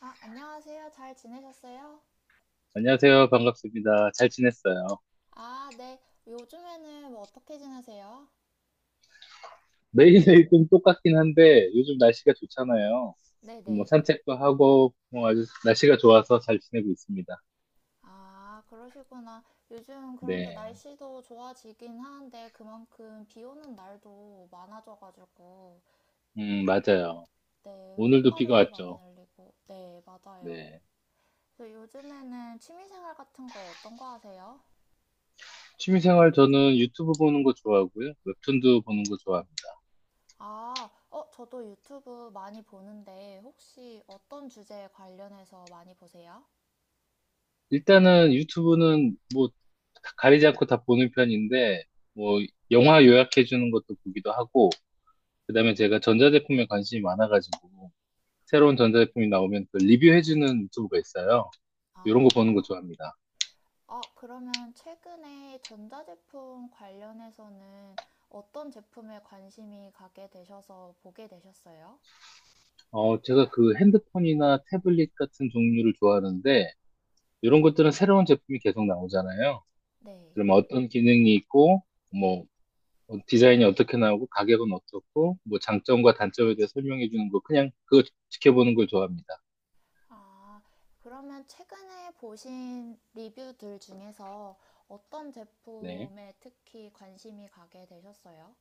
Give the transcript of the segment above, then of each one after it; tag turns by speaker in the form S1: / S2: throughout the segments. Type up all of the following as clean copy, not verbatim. S1: 아, 안녕하세요. 잘 지내셨어요?
S2: 안녕하세요. 반갑습니다. 잘 지냈어요.
S1: 아, 네. 요즘에는 뭐 어떻게 지내세요?
S2: 매일매일 좀 똑같긴 한데 요즘 날씨가 좋잖아요. 뭐
S1: 네네.
S2: 산책도 하고 뭐 아주 날씨가 좋아서 잘 지내고 있습니다.
S1: 아, 그러시구나. 요즘 그런데
S2: 네.
S1: 날씨도 좋아지긴 하는데 그만큼 비 오는 날도 많아져가지고,
S2: 맞아요.
S1: 네,
S2: 오늘도 비가
S1: 꽃가루도 많이
S2: 왔죠.
S1: 날리고, 네, 맞아요.
S2: 네.
S1: 그래서 요즘에는 취미생활 같은 거 어떤 거 하세요?
S2: 취미생활 저는 유튜브 보는 거 좋아하고요. 웹툰도 보는 거 좋아합니다.
S1: 아, 어, 저도 유튜브 많이 보는데 혹시 어떤 주제에 관련해서 많이 보세요?
S2: 일단은 유튜브는 뭐 다 가리지 않고 다 보는 편인데 뭐 영화 요약해 주는 것도 보기도 하고 그다음에 제가 전자제품에 관심이 많아가지고 새로운 전자제품이 나오면 그 리뷰해주는 유튜브가 있어요. 이런 거 보는 거
S1: 아.
S2: 좋아합니다.
S1: 아, 그러면 최근에 전자제품 관련해서는 어떤 제품에 관심이 가게 되셔서 보게 되셨어요?
S2: 어, 제가 그 핸드폰이나 태블릿 같은 종류를 좋아하는데, 이런 것들은 새로운 제품이 계속 나오잖아요.
S1: 네.
S2: 그러면 어떤 기능이 있고, 뭐, 디자인이 어떻게 나오고, 가격은 어떻고, 뭐, 장점과 단점에 대해 설명해 주는 거, 그냥 그거 지켜보는 걸 좋아합니다.
S1: 아, 그러면 최근에 보신 리뷰들 중에서 어떤
S2: 네.
S1: 제품에 특히 관심이 가게 되셨어요?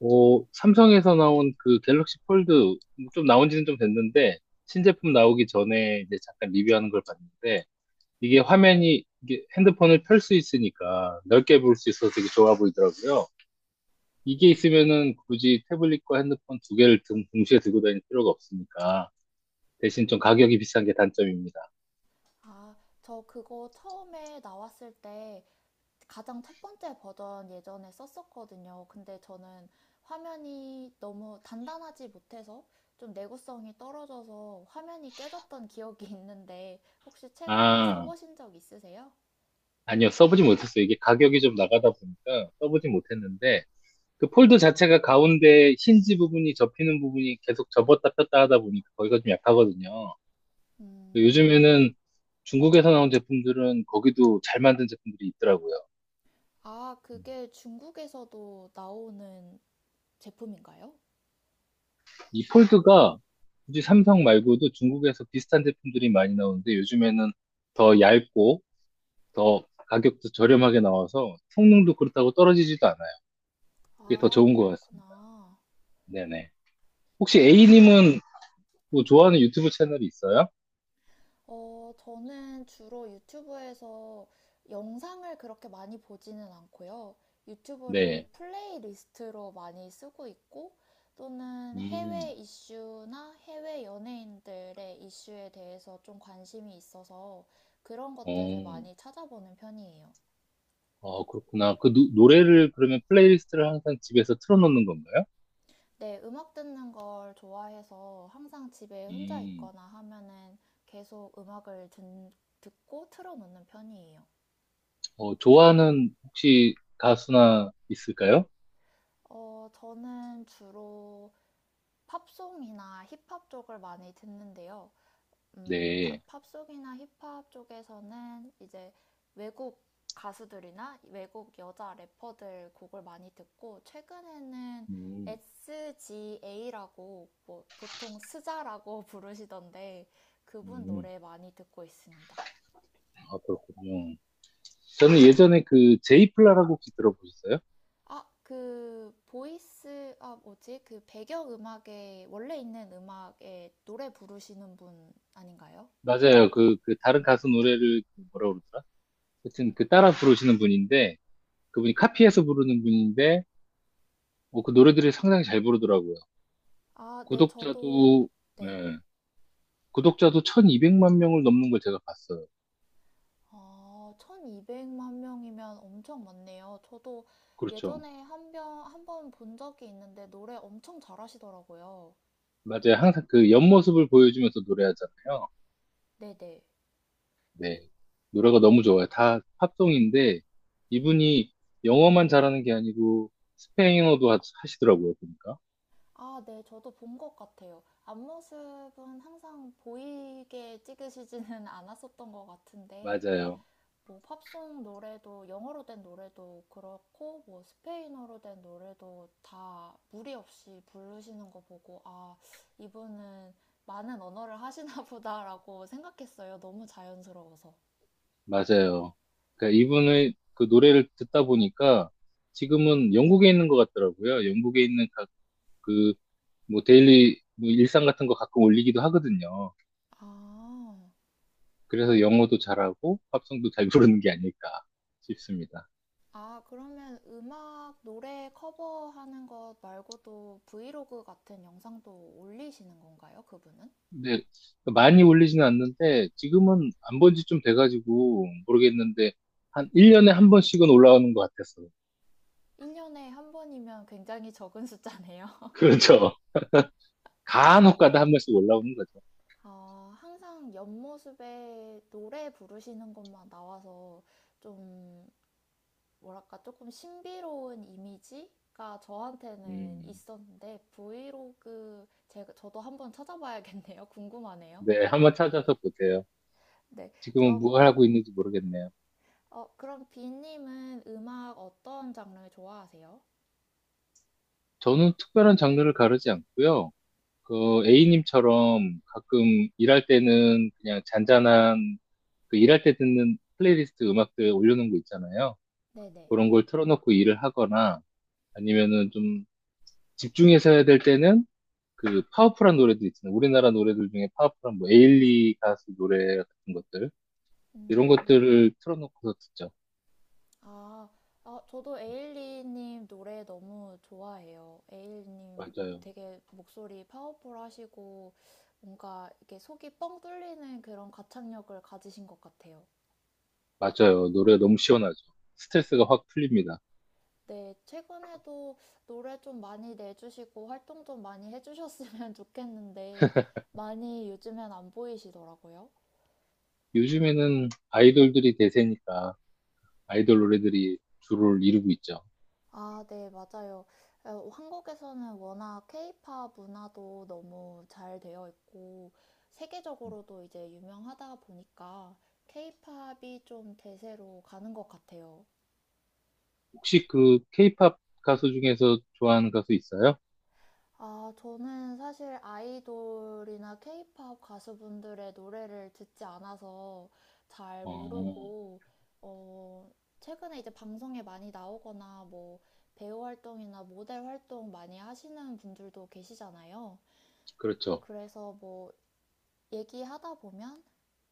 S2: 오, 삼성에서 나온 그 갤럭시 폴드, 좀 나온 지는 좀 됐는데, 신제품 나오기 전에 이제 잠깐 리뷰하는 걸 봤는데, 이게 화면이 이게 핸드폰을 펼 수 있으니까 넓게 볼 수 있어서 되게 좋아 보이더라고요. 이게 있으면은 굳이 태블릿과 핸드폰 두 개를 동시에 들고 다닐 필요가 없으니까 대신 좀 가격이 비싼 게 단점입니다.
S1: 아, 저 그거 처음에 나왔을 때 가장 첫 번째 버전 예전에 썼었거든요. 근데 저는 화면이 너무 단단하지 못해서 좀 내구성이 떨어져서 화면이 깨졌던 기억이 있는데 혹시 최근에
S2: 아,
S1: 써보신 적 있으세요?
S2: 아니요. 써보지 못했어요. 이게 가격이 좀 나가다 보니까 써보지 못했는데 그 폴드 자체가 가운데 힌지 부분이 접히는 부분이 계속 접었다 폈다 하다 보니까 거기가 좀 약하거든요.
S1: 음.
S2: 요즘에는 중국에서 나온 제품들은 거기도 잘 만든 제품들이 있더라고요.
S1: 아, 그게 중국에서도 나오는 제품인가요?
S2: 이 폴드가 굳이 삼성 말고도 중국에서 비슷한 제품들이 많이 나오는데 요즘에는 더 얇고 더 가격도 저렴하게 나와서 성능도 그렇다고 떨어지지도 않아요. 그게 더
S1: 아,
S2: 좋은 것 같습니다.
S1: 그렇구나.
S2: 네네. 혹시
S1: 어.
S2: A님은 뭐 좋아하는 유튜브 채널이 있어요?
S1: 저는 주로 유튜브에서 영상을 그렇게 많이 보지는 않고요. 유튜브를
S2: 네.
S1: 플레이리스트로 많이 쓰고 있고, 또는
S2: 음,
S1: 해외 이슈나 해외 연예인들의 이슈에 대해서 좀 관심이 있어서 그런 것들을
S2: 어,
S1: 많이 찾아보는 편이에요.
S2: 어, 그렇구나. 그 노래를 그러면 플레이리스트를 항상 집에서 틀어놓는 건가요?
S1: 네, 음악 듣는 걸 좋아해서 항상 집에 혼자
S2: 음,
S1: 있거나 하면은 계속 듣고 틀어놓는 편이에요.
S2: 어, 좋아하는 혹시 가수나 있을까요?
S1: 어, 저는 주로 팝송이나 힙합 쪽을 많이 듣는데요.
S2: 네.
S1: 팝송이나 힙합 쪽에서는 이제 외국 가수들이나 외국 여자 래퍼들 곡을 많이 듣고 최근에는
S2: 음,
S1: SGA라고 뭐 보통 스자라고 부르시던데 그분
S2: 음,
S1: 노래 많이 듣고 있습니다.
S2: 아, 그렇군요. 저는 예전에 그 제이플라라고 혹시 들어보셨어요?
S1: 아, 그 보이스 아 뭐지? 그 배경 음악에 원래 있는 음악에 노래 부르시는 분 아닌가요?
S2: 맞아요. 그 다른 가수 노래를 그 뭐라 그러더라? 하여튼 그 따라 부르시는 분인데 그분이 카피해서 부르는 분인데 뭐 그 노래들을 상당히 잘 부르더라고요.
S1: 아, 네, 저도.
S2: 구독자도
S1: 네.
S2: 네, 구독자도 1200만 명을 넘는 걸 제가 봤어요.
S1: 아, 1200만 명이면 엄청 많네요. 저도
S2: 그렇죠.
S1: 예전에 한번 본 적이 있는데 노래 엄청 잘하시더라고요.
S2: 맞아요. 항상 그 옆모습을 보여주면서 노래하잖아요.
S1: 네네.
S2: 네. 노래가 너무 좋아요. 다 팝송인데 이분이 영어만 잘하는 게 아니고 스페인어도 하시더라고요. 보니까.
S1: 아, 네, 저도 본 것 같아요. 앞모습은 항상 보이게 찍으시지는 않았었던 것 같은데,
S2: 맞아요.
S1: 뭐 팝송 노래도 영어로 된 노래도 그렇고 뭐 스페인어로 된 노래도 다 무리 없이 부르시는 거 보고 아 이분은 많은 언어를 하시나 보다라고 생각했어요. 너무 자연스러워서.
S2: 맞아요. 그러니까 이분의 그 노래를 듣다 보니까 지금은 영국에 있는 것 같더라고요. 영국에 있는 각 그 뭐 데일리 뭐 일상 같은 거 가끔 올리기도 하거든요.
S1: 아,
S2: 그래서 영어도 잘하고 팝송도 잘 부르는 게 아닐까 싶습니다.
S1: 아 그러면 음악 노래 커버하는 것 말고도 브이로그 같은 영상도 올리시는 건가요? 그분은?
S2: 근데 많이 올리지는 않는데 지금은 안 본 지 좀 돼가지고 모르겠는데 한 1년에 한 번씩은 올라오는 것 같았어요.
S1: 1년에 한 번이면 굉장히 적은 숫자네요.
S2: 그렇죠. 간혹 가다 한 번씩 올라오는 거죠.
S1: 어, 항상 옆모습에 노래 부르시는 것만 나와서 좀, 뭐랄까, 조금 신비로운 이미지가 저한테는
S2: 음.
S1: 있었는데, 브이로그, 저도 한번 찾아봐야겠네요. 궁금하네요.
S2: 네, 한번 찾아서 보세요.
S1: 네.
S2: 지금은
S1: 어,
S2: 뭘 하고 있는지 모르겠네요.
S1: 어, 그럼 비님은 음악 어떤 장르 좋아하세요?
S2: 저는 특별한 장르를 가르지 않고요. 그 A님처럼 가끔 일할 때는 그냥 잔잔한 그 일할 때 듣는 플레이리스트 음악들 올려놓은 거 있잖아요.
S1: 네네.
S2: 그런 걸 틀어놓고 일을 하거나 아니면은 좀 집중해서 해야 될 때는 그 파워풀한 노래들 있잖아요. 우리나라 노래들 중에 파워풀한 뭐 에일리 가수 노래 같은 것들 이런
S1: 음.
S2: 것들을 틀어놓고서 듣죠.
S1: 아, 아, 저도 에일리님 노래 너무 좋아해요. 에일리님
S2: 맞아요.
S1: 되게 목소리 파워풀하시고 뭔가 이렇게 속이 뻥 뚫리는 그런 가창력을 가지신 것 같아요.
S2: 맞아요. 노래 너무 시원하죠. 스트레스가 확 풀립니다.
S1: 네, 최근에도 노래 좀 많이 내주시고 활동 좀 많이 해주셨으면 좋겠는데 많이 요즘엔 안 보이시더라고요.
S2: 요즘에는 아이돌들이 대세니까 아이돌 노래들이 주를 이루고 있죠.
S1: 아, 네, 맞아요. 어, 한국에서는 워낙 케이팝 문화도 너무 잘 되어 있고, 세계적으로도 이제 유명하다 보니까 케이팝이 좀 대세로 가는 것 같아요.
S2: 혹시 그 케이팝 가수 중에서 좋아하는 가수 있어요?
S1: 아, 저는 사실 아이돌이나 케이팝 가수분들의 노래를 듣지 않아서 잘
S2: 어,
S1: 모르고, 어, 최근에 이제 방송에 많이 나오거나 뭐 배우 활동이나 모델 활동 많이 하시는 분들도 계시잖아요.
S2: 그렇죠.
S1: 그래서 뭐 얘기하다 보면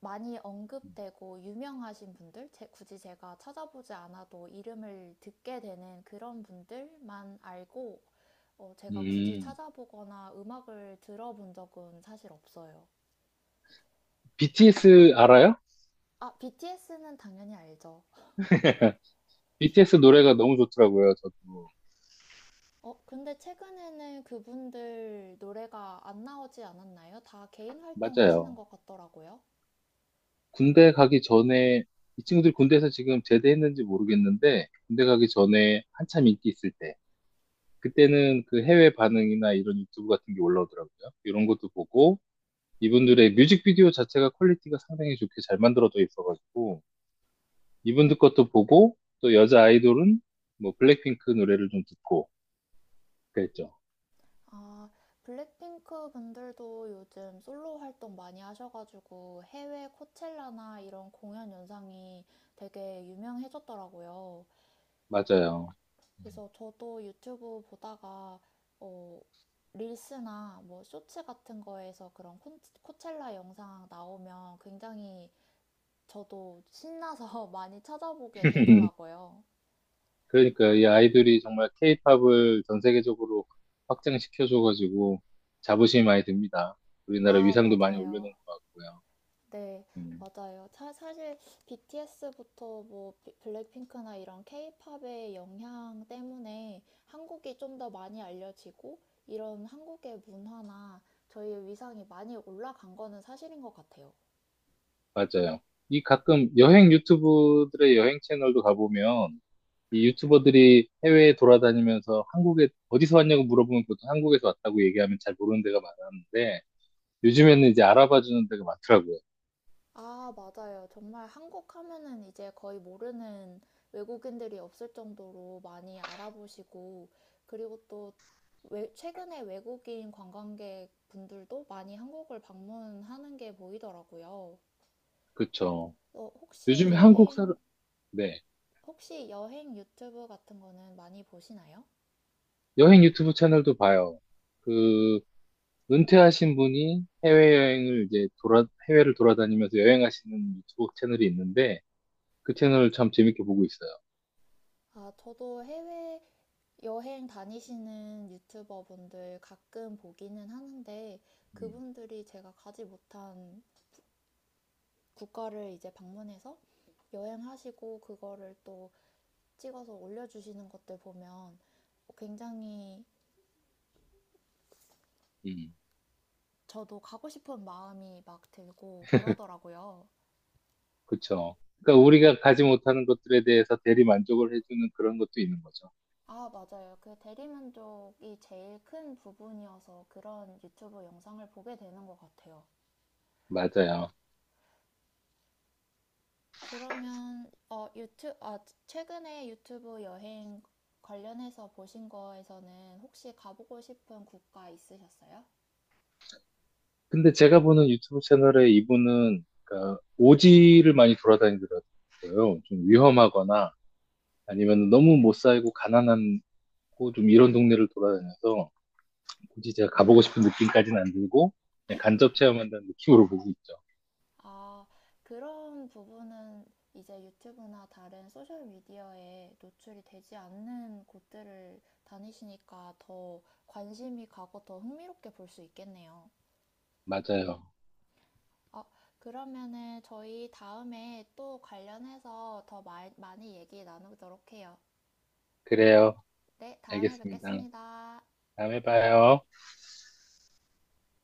S1: 많이 언급되고 유명하신 분들, 굳이 제가 찾아보지 않아도 이름을 듣게 되는 그런 분들만 알고 어, 제가 굳이
S2: 음,
S1: 찾아보거나 음악을 들어본 적은 사실 없어요.
S2: BTS 알아요?
S1: 아, BTS는 당연히 알죠.
S2: BTS 노래가 너무 좋더라고요, 저도.
S1: 어, 근데 최근에는 그분들 노래가 안 나오지 않았나요? 다 개인 활동 하시는
S2: 맞아요.
S1: 것 같더라고요.
S2: 군대 가기 전에, 이 친구들 군대에서 지금 제대했는지 모르겠는데, 군대 가기 전에 한참 인기 있을 때, 그때는 그 해외 반응이나 이런 유튜브 같은 게 올라오더라고요. 이런 것도 보고, 이분들의 뮤직비디오 자체가 퀄리티가 상당히 좋게 잘 만들어져 있어가지고 이분들 것도 보고 또 여자 아이돌은 뭐 블랙핑크 노래를 좀 듣고 그랬죠.
S1: 아, 블랙핑크 분들도 요즘 솔로 활동 많이 하셔가지고 해외 코첼라나 이런 공연 영상이 되게 유명해졌더라고요.
S2: 맞아요.
S1: 그래서 저도 유튜브 보다가 어, 릴스나 뭐 쇼츠 같은 거에서 그런 코첼라 영상 나오면 굉장히 저도 신나서 많이 찾아보게 되더라고요.
S2: 그러니까 이 아이돌이 정말 케이팝을 전 세계적으로 확장시켜줘가지고 자부심이 많이 듭니다. 우리나라
S1: 아,
S2: 위상도 많이 올려놓은
S1: 맞아요.
S2: 것 같고요.
S1: 네,
S2: 음,
S1: 맞아요. 사실 BTS부터 뭐 블랙핑크나 이런 케이팝의 영향 때문에 한국이 좀 더 많이 알려지고 이런 한국의 문화나 저희의 위상이 많이 올라간 거는 사실인 것 같아요.
S2: 맞아요. 이 가끔 여행 유튜브들의 여행 채널도 가보면 이 유튜버들이 해외에 돌아다니면서 한국에 어디서 왔냐고 물어보면 보통 한국에서 왔다고 얘기하면 잘 모르는 데가 많았는데 요즘에는 이제 알아봐 주는 데가 많더라고요.
S1: 아, 맞아요. 정말 한국 하면은 이제 거의 모르는 외국인들이 없을 정도로 많이 알아보시고 그리고 또 최근에 외국인 관광객 분들도 많이 한국을 방문하는 게 보이더라고요.
S2: 그쵸.
S1: 어, 혹시
S2: 요즘에 한국
S1: 여행,
S2: 사람, 네.
S1: 혹시 여행 유튜브 같은 거는 많이 보시나요?
S2: 여행 유튜브 채널도 봐요. 그, 은퇴하신 분이 해외여행을 이제 해외를 돌아다니면서 여행하시는 유튜브 채널이 있는데 그 채널을 참 재밌게 보고 있어요.
S1: 아, 저도 해외 여행 다니시는 유튜버 분들 가끔 보기는 하는데
S2: 음,
S1: 그분들이 제가 가지 못한 국가를 이제 방문해서 여행하시고 그거를 또 찍어서 올려주시는 것들 보면 굉장히
S2: 음,
S1: 저도 가고 싶은 마음이 막 들고 그러더라고요.
S2: 그쵸. 그러니까 우리가 가지 못하는 것들에 대해서 대리 만족을 해주는 그런 것도 있는 거죠.
S1: 아, 맞아요. 그 대리만족이 제일 큰 부분이어서 그런 유튜브 영상을 보게 되는 것 같아요.
S2: 맞아요.
S1: 그러면 최근에 유튜브 여행 관련해서 보신 거에서는 혹시 가보고 싶은 국가 있으셨어요?
S2: 근데 제가 보는 유튜브 채널에 이분은 그러니까 오지를 많이 돌아다니더라고요. 좀 위험하거나 아니면 너무 못 살고 가난하고 좀 이런 동네를 돌아다녀서 굳이 제가 가보고 싶은 느낌까지는 안 들고 그냥 간접 체험한다는 느낌으로 보고 있죠.
S1: 아, 그런 부분은 이제 유튜브나 다른 소셜 미디어에 노출이 되지 않는 곳들을 다니시니까 더 관심이 가고 더 흥미롭게 볼 수 있겠네요.
S2: 맞아요.
S1: 어, 그러면은 저희 다음에 또 관련해서 더 많이 얘기 나누도록 해요.
S2: 그래요.
S1: 네, 다음에
S2: 알겠습니다.
S1: 뵙겠습니다.
S2: 다음에 봐요.